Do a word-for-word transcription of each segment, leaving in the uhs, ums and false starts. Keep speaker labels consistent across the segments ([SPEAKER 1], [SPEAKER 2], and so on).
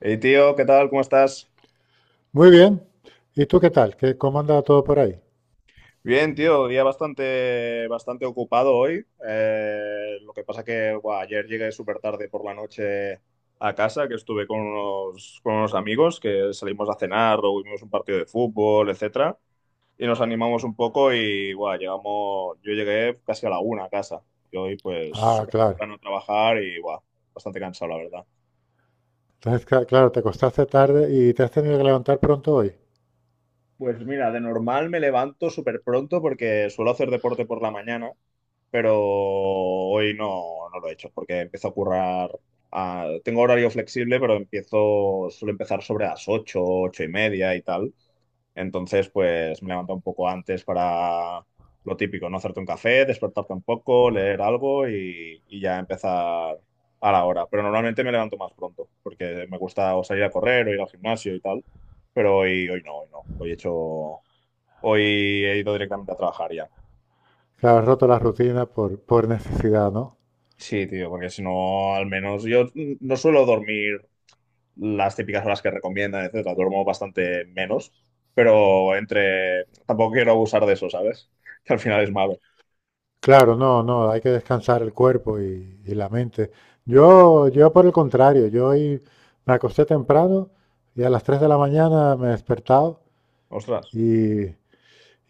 [SPEAKER 1] Hey tío, ¿qué tal? ¿Cómo estás?
[SPEAKER 2] Muy bien. ¿Y tú qué tal? ¿Qué, cómo andaba todo por ahí?
[SPEAKER 1] Bien, tío, día bastante, bastante ocupado hoy. Eh, lo que pasa que buah, ayer llegué súper tarde por la noche a casa, que estuve con unos, con unos amigos, que salimos a cenar, luego vimos un partido de fútbol, etcétera, y nos animamos un poco y buah, llegamos, yo llegué casi a la una a casa. Y hoy pues
[SPEAKER 2] Ah,
[SPEAKER 1] súper
[SPEAKER 2] claro.
[SPEAKER 1] temprano a trabajar y buah, bastante cansado, la verdad.
[SPEAKER 2] Entonces, ca- claro, te acostaste tarde y te has tenido que levantar pronto hoy.
[SPEAKER 1] Pues mira, de normal me levanto súper pronto porque suelo hacer deporte por la mañana, pero hoy no, no lo he hecho porque empiezo a currar. A- tengo horario flexible, pero empiezo, suelo empezar sobre las ocho, ocho y media y tal. Entonces, pues me levanto un poco antes para lo típico, no hacerte un café, despertarte un poco, leer algo y, y ya empezar a la hora. Pero normalmente me levanto más pronto, porque me gusta o salir a correr o ir al gimnasio y tal. Pero hoy, hoy no, hoy no. Hoy he hecho, hoy he ido directamente a trabajar ya.
[SPEAKER 2] Claro, has roto la rutina por, por necesidad, ¿no?
[SPEAKER 1] Sí, tío, porque si no, al menos yo no suelo dormir las típicas horas que recomiendan, etcétera. Duermo bastante menos, pero entre... Tampoco quiero abusar de eso, ¿sabes? Que al final es malo.
[SPEAKER 2] Claro, no, no, hay que descansar el cuerpo y, y la mente. Yo, yo por el contrario, yo hoy me acosté temprano y a las tres de la mañana me he despertado
[SPEAKER 1] Ostras,
[SPEAKER 2] y,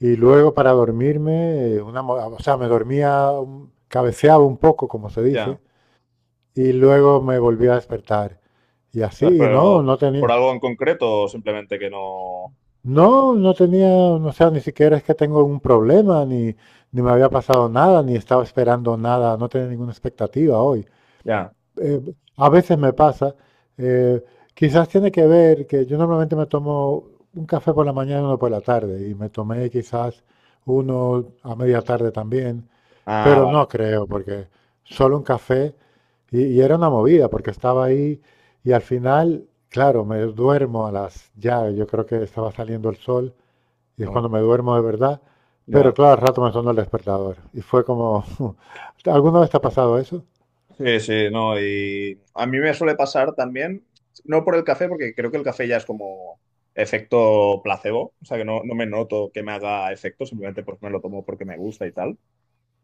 [SPEAKER 2] y luego para dormirme, eh, una, mo- o sea, me dormía, un- cabeceaba un poco, como se
[SPEAKER 1] ya.
[SPEAKER 2] dice, y luego me volví a despertar. Y
[SPEAKER 1] Ah,
[SPEAKER 2] así, y no,
[SPEAKER 1] pero
[SPEAKER 2] no
[SPEAKER 1] ¿por
[SPEAKER 2] tenía,
[SPEAKER 1] algo en concreto o simplemente que no?
[SPEAKER 2] no, no tenía, no sea, ni siquiera es que tengo un problema, ni, ni me había pasado nada, ni estaba esperando nada, no tenía ninguna expectativa hoy.
[SPEAKER 1] Ya.
[SPEAKER 2] Eh, a veces me pasa, eh, quizás tiene que ver que yo normalmente me tomo un café por la mañana y uno por la tarde, y me tomé quizás uno a media tarde también.
[SPEAKER 1] Ah,
[SPEAKER 2] Pero
[SPEAKER 1] vale.
[SPEAKER 2] no creo, porque solo un café y, y era una movida, porque estaba ahí y al final, claro, me duermo a las ya, yo creo que estaba saliendo el sol y es
[SPEAKER 1] Ujú,
[SPEAKER 2] cuando me duermo de verdad, pero
[SPEAKER 1] ya.
[SPEAKER 2] claro, al rato me sonó el despertador y fue como, ¿alguna vez te ha pasado eso?
[SPEAKER 1] Sí, sí, no. Y a mí me suele pasar también, no por el café, porque creo que el café ya es como efecto placebo. O sea, que no, no me noto que me haga efecto, simplemente porque me lo tomo porque me gusta y tal.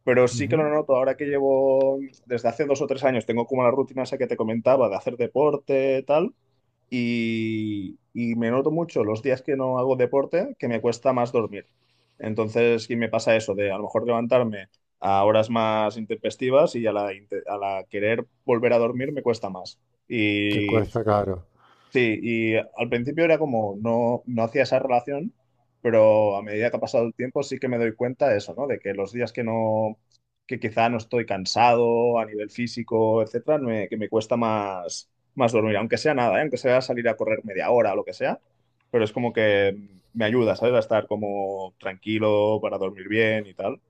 [SPEAKER 1] Pero sí que lo
[SPEAKER 2] Ujú.
[SPEAKER 1] noto ahora que llevo, desde hace dos o tres años, tengo como la rutina esa que te comentaba de hacer deporte, tal, y, y me noto mucho los días que no hago deporte que me cuesta más dormir. Entonces, sí me pasa eso de a lo mejor levantarme a horas más intempestivas y a la, inte- a la querer volver a dormir me cuesta más.
[SPEAKER 2] Te
[SPEAKER 1] Y
[SPEAKER 2] cuesta caro.
[SPEAKER 1] sí, y al principio era como no, no hacía esa relación, pero a medida que ha pasado el tiempo sí que me doy cuenta de eso, ¿no? De que los días que no, que quizá no estoy cansado a nivel físico, etcétera, me- que me cuesta más, más dormir, aunque sea nada, ¿eh? Aunque sea salir a correr media hora o lo que sea, pero es como que me ayuda, ¿sabes? A estar como tranquilo para dormir bien y tal.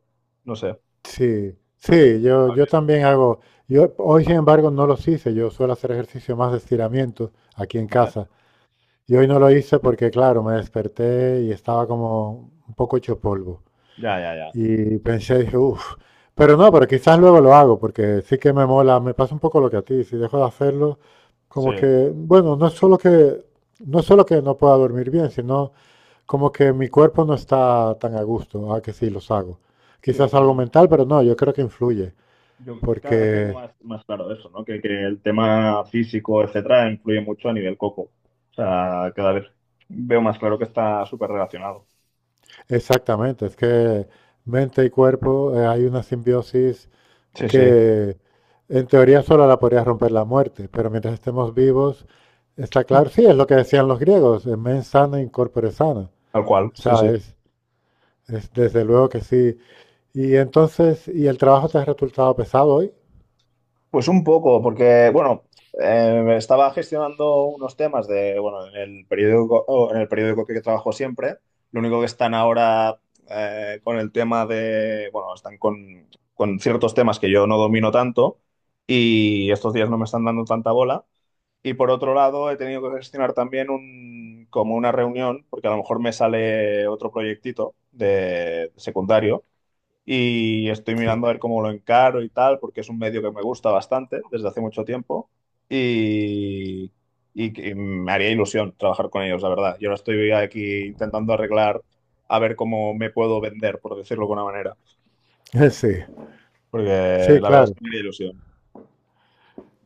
[SPEAKER 1] No sé,
[SPEAKER 2] Sí, sí, yo, yo también hago, yo hoy sin embargo no los hice, yo suelo hacer ejercicio más de estiramiento aquí en
[SPEAKER 1] vale.
[SPEAKER 2] casa. Y hoy no lo hice porque, claro, me desperté y estaba como un poco hecho polvo.
[SPEAKER 1] Ya, ya, ya.
[SPEAKER 2] Y pensé, dije, uff, pero no, pero quizás luego lo hago porque sí que me mola, me pasa un poco lo que a ti, si dejo de hacerlo, como
[SPEAKER 1] Sí.
[SPEAKER 2] que, bueno, no es solo que no es solo que no pueda dormir bien, sino como que mi cuerpo no está tan a gusto, ah, que sí, los hago.
[SPEAKER 1] Sí,
[SPEAKER 2] Quizás
[SPEAKER 1] sí,
[SPEAKER 2] algo
[SPEAKER 1] no,
[SPEAKER 2] mental,
[SPEAKER 1] sí.
[SPEAKER 2] pero no, yo creo que influye,
[SPEAKER 1] Yo cada vez tengo
[SPEAKER 2] porque
[SPEAKER 1] más, más claro eso, ¿no? Que, que el tema físico, etcétera, influye mucho a nivel coco. O sea, cada vez veo más claro que está súper relacionado.
[SPEAKER 2] exactamente, es que mente y cuerpo, eh, hay una simbiosis
[SPEAKER 1] Sí, sí,
[SPEAKER 2] que en teoría solo la podría romper la muerte, pero mientras estemos vivos, está claro, sí, es lo que decían los griegos, mens sana in corpore sana.
[SPEAKER 1] tal cual,
[SPEAKER 2] O
[SPEAKER 1] sí,
[SPEAKER 2] sea,
[SPEAKER 1] sí.
[SPEAKER 2] es, es desde luego que sí. Y entonces, ¿y el trabajo te ha resultado pesado hoy?
[SPEAKER 1] Pues un poco, porque, bueno, eh, estaba gestionando unos temas de, bueno, en el periódico, o en el periódico que trabajo siempre, lo único que están ahora eh, con el tema de, bueno, están con, con ciertos temas que yo no domino tanto y estos días no me están dando tanta bola. Y por otro lado, he tenido que gestionar también un, como una reunión, porque a lo mejor me sale otro proyectito de secundario y estoy
[SPEAKER 2] Sí,
[SPEAKER 1] mirando a ver cómo lo encaro y tal, porque es un medio que me gusta bastante desde hace mucho tiempo y, y que me haría ilusión trabajar con ellos, la verdad. Y ahora estoy aquí intentando arreglar a ver cómo me puedo vender, por decirlo de alguna manera,
[SPEAKER 2] sí,
[SPEAKER 1] porque
[SPEAKER 2] sí,
[SPEAKER 1] la verdad es
[SPEAKER 2] claro.
[SPEAKER 1] que me haría ilusión.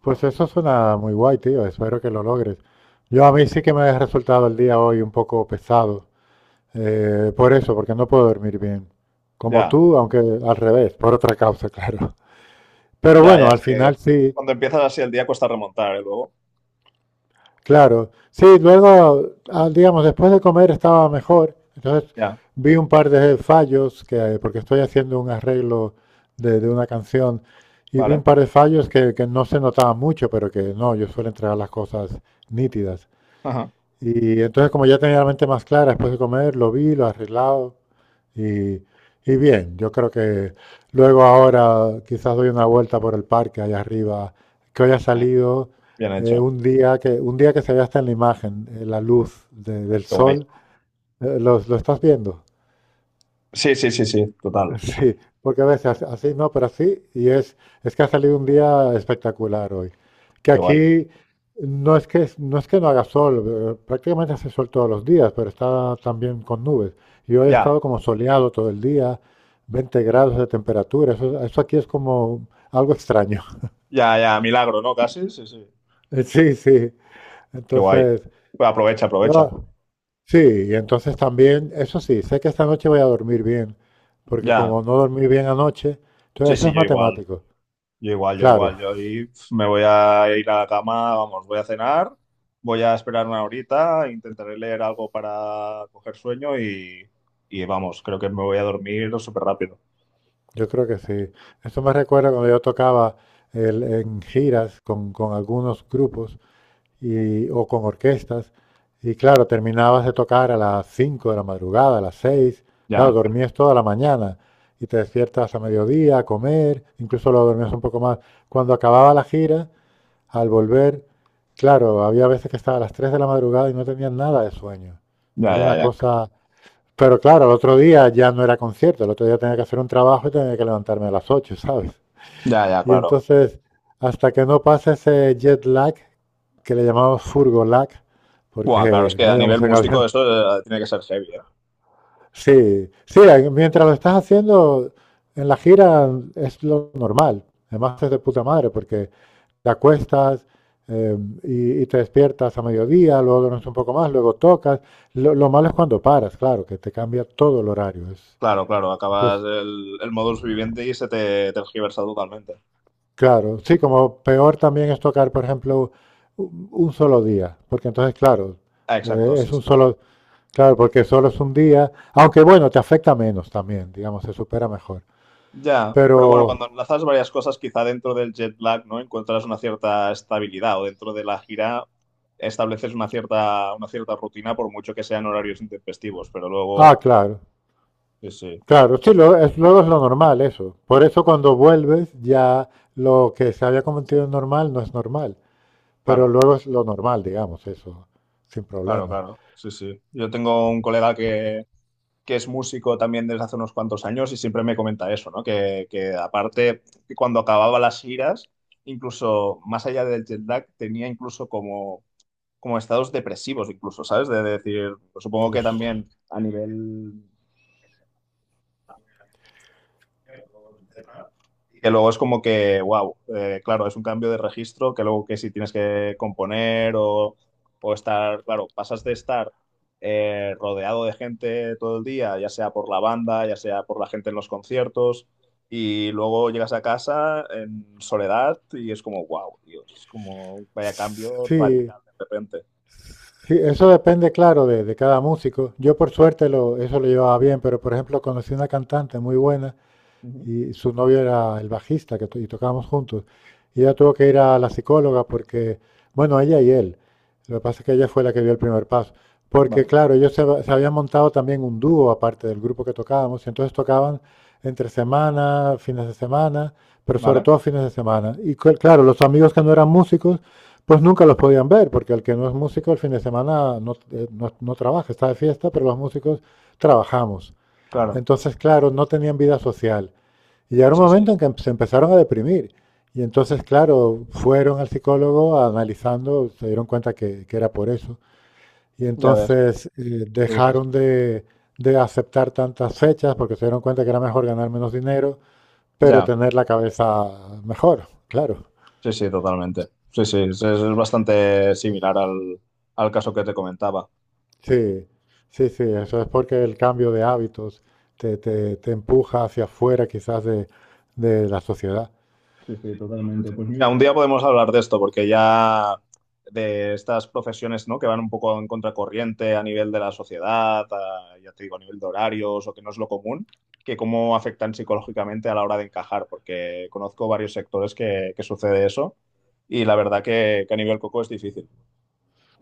[SPEAKER 2] Pues eso suena muy guay, tío, espero que lo logres. Yo a mí sí que me ha resultado el día hoy un poco pesado, eh, por eso, porque no puedo dormir bien. Como
[SPEAKER 1] Ya,
[SPEAKER 2] tú, aunque al revés, por otra causa, claro. Pero
[SPEAKER 1] ya,
[SPEAKER 2] bueno,
[SPEAKER 1] ya,
[SPEAKER 2] al
[SPEAKER 1] es que
[SPEAKER 2] final sí,
[SPEAKER 1] cuando empiezas así el día cuesta remontar, ¿eh? Luego,
[SPEAKER 2] claro. Sí, luego, ah, digamos, después de comer estaba mejor. Entonces
[SPEAKER 1] ya,
[SPEAKER 2] vi un par de fallos, que, porque estoy haciendo un arreglo de, de una canción, y vi un
[SPEAKER 1] ¿vale?
[SPEAKER 2] par de fallos que, que no se notaban mucho, pero que no, yo suelo entregar las cosas nítidas.
[SPEAKER 1] Ajá,
[SPEAKER 2] Y entonces como ya tenía la mente más clara después de comer, lo vi, lo arreglado. Y, y bien, yo creo que luego ahora quizás doy una vuelta por el parque allá arriba, que hoy ha
[SPEAKER 1] ya,
[SPEAKER 2] salido
[SPEAKER 1] bien
[SPEAKER 2] eh,
[SPEAKER 1] hecho,
[SPEAKER 2] un día que, un día que se ve hasta en la imagen, eh, la luz de- del
[SPEAKER 1] qué guay.
[SPEAKER 2] sol. Eh, ¿Lo, lo estás viendo?
[SPEAKER 1] Sí, sí, sí, sí, total,
[SPEAKER 2] Sí, porque a veces así no, pero así, y es, es que ha salido un día espectacular hoy. Que
[SPEAKER 1] qué guay.
[SPEAKER 2] aquí no es que, no es que no haga sol, eh, prácticamente hace sol todos los días, pero está también con nubes. Y hoy ha
[SPEAKER 1] Ya,
[SPEAKER 2] estado como soleado todo el día, veinte grados de temperatura, eso, eso aquí es como algo extraño.
[SPEAKER 1] ya, ya, milagro, ¿no? Casi, sí, sí,
[SPEAKER 2] Eh, Sí, sí,
[SPEAKER 1] qué guay.
[SPEAKER 2] entonces,
[SPEAKER 1] Pues aprovecha, aprovecha.
[SPEAKER 2] no, sí, y entonces también, eso sí, sé que esta noche voy a dormir bien, porque
[SPEAKER 1] Ya,
[SPEAKER 2] como no dormí bien anoche,
[SPEAKER 1] sí,
[SPEAKER 2] entonces eso
[SPEAKER 1] sí,
[SPEAKER 2] es
[SPEAKER 1] yo igual,
[SPEAKER 2] matemático,
[SPEAKER 1] yo igual, yo
[SPEAKER 2] claro.
[SPEAKER 1] igual. Yo ahí, pf, me voy a ir a la cama, vamos, voy a cenar, voy a esperar una horita, intentaré leer algo para coger sueño y, y vamos, creo que me voy a dormir súper rápido.
[SPEAKER 2] Yo creo que sí. Esto me recuerda cuando yo tocaba el- en giras con, con algunos grupos y, o con orquestas. Y claro, terminabas de tocar a las cinco de la madrugada, a las seis. Claro,
[SPEAKER 1] Ya,
[SPEAKER 2] dormías toda la mañana y te despiertas a mediodía a comer, incluso lo dormías un poco más. Cuando acababa la gira, al volver, claro, había veces que estaba a las tres de la madrugada y no tenías nada de sueño.
[SPEAKER 1] ya,
[SPEAKER 2] Era una
[SPEAKER 1] ya, ya,
[SPEAKER 2] cosa, pero claro, el otro día ya no era concierto, el otro día tenía que hacer un trabajo y tenía que levantarme a las ocho, ¿sabes?
[SPEAKER 1] ya, ya,
[SPEAKER 2] Y
[SPEAKER 1] claro.
[SPEAKER 2] entonces, hasta que no pase ese jet lag, que le llamamos furgo lag,
[SPEAKER 1] Buah, claro, es
[SPEAKER 2] porque
[SPEAKER 1] que
[SPEAKER 2] no
[SPEAKER 1] a
[SPEAKER 2] íbamos
[SPEAKER 1] nivel
[SPEAKER 2] en
[SPEAKER 1] músico
[SPEAKER 2] avión.
[SPEAKER 1] eso eh, tiene que ser heavy, eh.
[SPEAKER 2] Sí, sí, mientras lo estás haciendo en la gira es lo normal. Además es de puta madre, porque te acuestas, eh, y, y, te despiertas a mediodía, luego duermes un poco más, luego tocas. Lo, lo, malo es cuando paras, claro, que te cambia todo el horario. Es,
[SPEAKER 1] Claro, claro,
[SPEAKER 2] eso
[SPEAKER 1] acabas
[SPEAKER 2] es.
[SPEAKER 1] el, el módulo viviente y se te tergiversa totalmente.
[SPEAKER 2] Claro, sí, como peor también es tocar, por ejemplo, un un solo día, porque entonces, claro,
[SPEAKER 1] Ah, exacto,
[SPEAKER 2] eh, es
[SPEAKER 1] sí,
[SPEAKER 2] un
[SPEAKER 1] sí.
[SPEAKER 2] solo, claro, porque solo es un día, aunque bueno, te afecta menos también, digamos, se supera mejor.
[SPEAKER 1] Ya, pero bueno,
[SPEAKER 2] Pero,
[SPEAKER 1] cuando enlazas varias cosas, quizá dentro del jet lag, ¿no? Encuentras una cierta estabilidad o dentro de la gira estableces una cierta, una cierta rutina, por mucho que sean horarios intempestivos, pero
[SPEAKER 2] ah,
[SPEAKER 1] luego,
[SPEAKER 2] claro,
[SPEAKER 1] sí, sí.
[SPEAKER 2] claro, sí, lo- es- luego es lo normal eso. Por eso cuando vuelves ya lo que se había convertido en normal no es normal, pero
[SPEAKER 1] Claro,
[SPEAKER 2] luego es lo normal, digamos, eso, sin
[SPEAKER 1] claro,
[SPEAKER 2] problemas.
[SPEAKER 1] claro. Sí, sí. Yo tengo un colega que que es músico también desde hace unos cuantos años y siempre me comenta eso, ¿no? Que, que aparte, que cuando acababa las giras, incluso más allá del jet lag, tenía incluso como, como estados depresivos, incluso, ¿sabes? De decir, pues supongo que
[SPEAKER 2] Hostia.
[SPEAKER 1] también a nivel que luego es como que, wow, claro, es un cambio de registro que luego que si tienes que componer o, o estar, claro, pasas de estar eh, rodeado de gente todo el día, ya sea por la banda, ya sea por la gente en los conciertos, y luego llegas a casa en soledad y es como, wow, Dios, es como vaya cambio
[SPEAKER 2] Sí,
[SPEAKER 1] radical de repente.
[SPEAKER 2] sí, eso depende, claro, de, de cada músico. Yo por suerte lo, eso lo llevaba bien, pero por ejemplo conocí una cantante muy buena
[SPEAKER 1] Ujú,
[SPEAKER 2] y su novio era el bajista que to- y tocábamos juntos. Y ella tuvo que ir a la psicóloga porque, bueno, ella y él. Lo que pasa es que ella fue la que dio el primer paso. Porque,
[SPEAKER 1] vale,
[SPEAKER 2] claro, ellos se, hab- se habían montado también un dúo aparte del grupo que tocábamos y entonces tocaban entre semana, fines de semana, pero sobre
[SPEAKER 1] vale,
[SPEAKER 2] todo fines de semana. Y cl- claro, los amigos que no eran músicos, pues nunca los podían ver, porque el que no es músico el fin de semana no, eh, no no trabaja, está de fiesta, pero los músicos trabajamos.
[SPEAKER 1] claro,
[SPEAKER 2] Entonces, claro, no tenían vida social. Y llegaron un
[SPEAKER 1] sí, sí,
[SPEAKER 2] momento en que se empezaron a deprimir. Y entonces, claro, fueron al psicólogo analizando, se dieron cuenta que, que era por eso. Y
[SPEAKER 1] ya ves,
[SPEAKER 2] entonces eh,
[SPEAKER 1] súper
[SPEAKER 2] dejaron
[SPEAKER 1] interesante.
[SPEAKER 2] de, de aceptar tantas fechas porque se dieron cuenta que era mejor ganar menos dinero, pero
[SPEAKER 1] Ya.
[SPEAKER 2] tener la cabeza mejor, claro.
[SPEAKER 1] Sí, sí, totalmente. Sí, sí, es, es bastante similar al, al caso que te comentaba.
[SPEAKER 2] Sí, sí, sí, eso es porque el cambio de hábitos te, te, te empuja hacia afuera quizás de, de la sociedad.
[SPEAKER 1] Sí, sí, totalmente. Pues mira, mira, un día podemos hablar de esto, porque ya de estas profesiones, ¿no? Que van un poco en contracorriente a nivel de la sociedad, a- ya te digo, a nivel de horarios o que no es lo común, que cómo afectan psicológicamente a la hora de encajar, porque conozco varios sectores que, que sucede eso y la verdad que, que a nivel coco es difícil.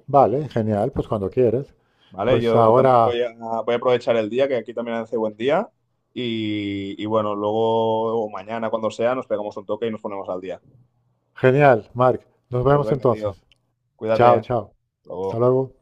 [SPEAKER 2] Vale, genial, pues cuando quieres.
[SPEAKER 1] Vale,
[SPEAKER 2] Pues
[SPEAKER 1] yo también
[SPEAKER 2] ahora.
[SPEAKER 1] voy a, voy a aprovechar el día, que aquí también hace buen día. Y, y bueno, luego o mañana, cuando sea, nos pegamos un toque y nos ponemos al día.
[SPEAKER 2] Genial, Mark. Nos
[SPEAKER 1] Pues
[SPEAKER 2] vemos
[SPEAKER 1] venga, tío,
[SPEAKER 2] entonces.
[SPEAKER 1] cuídate.
[SPEAKER 2] Chao,
[SPEAKER 1] Hasta
[SPEAKER 2] chao. Hasta
[SPEAKER 1] luego.
[SPEAKER 2] luego.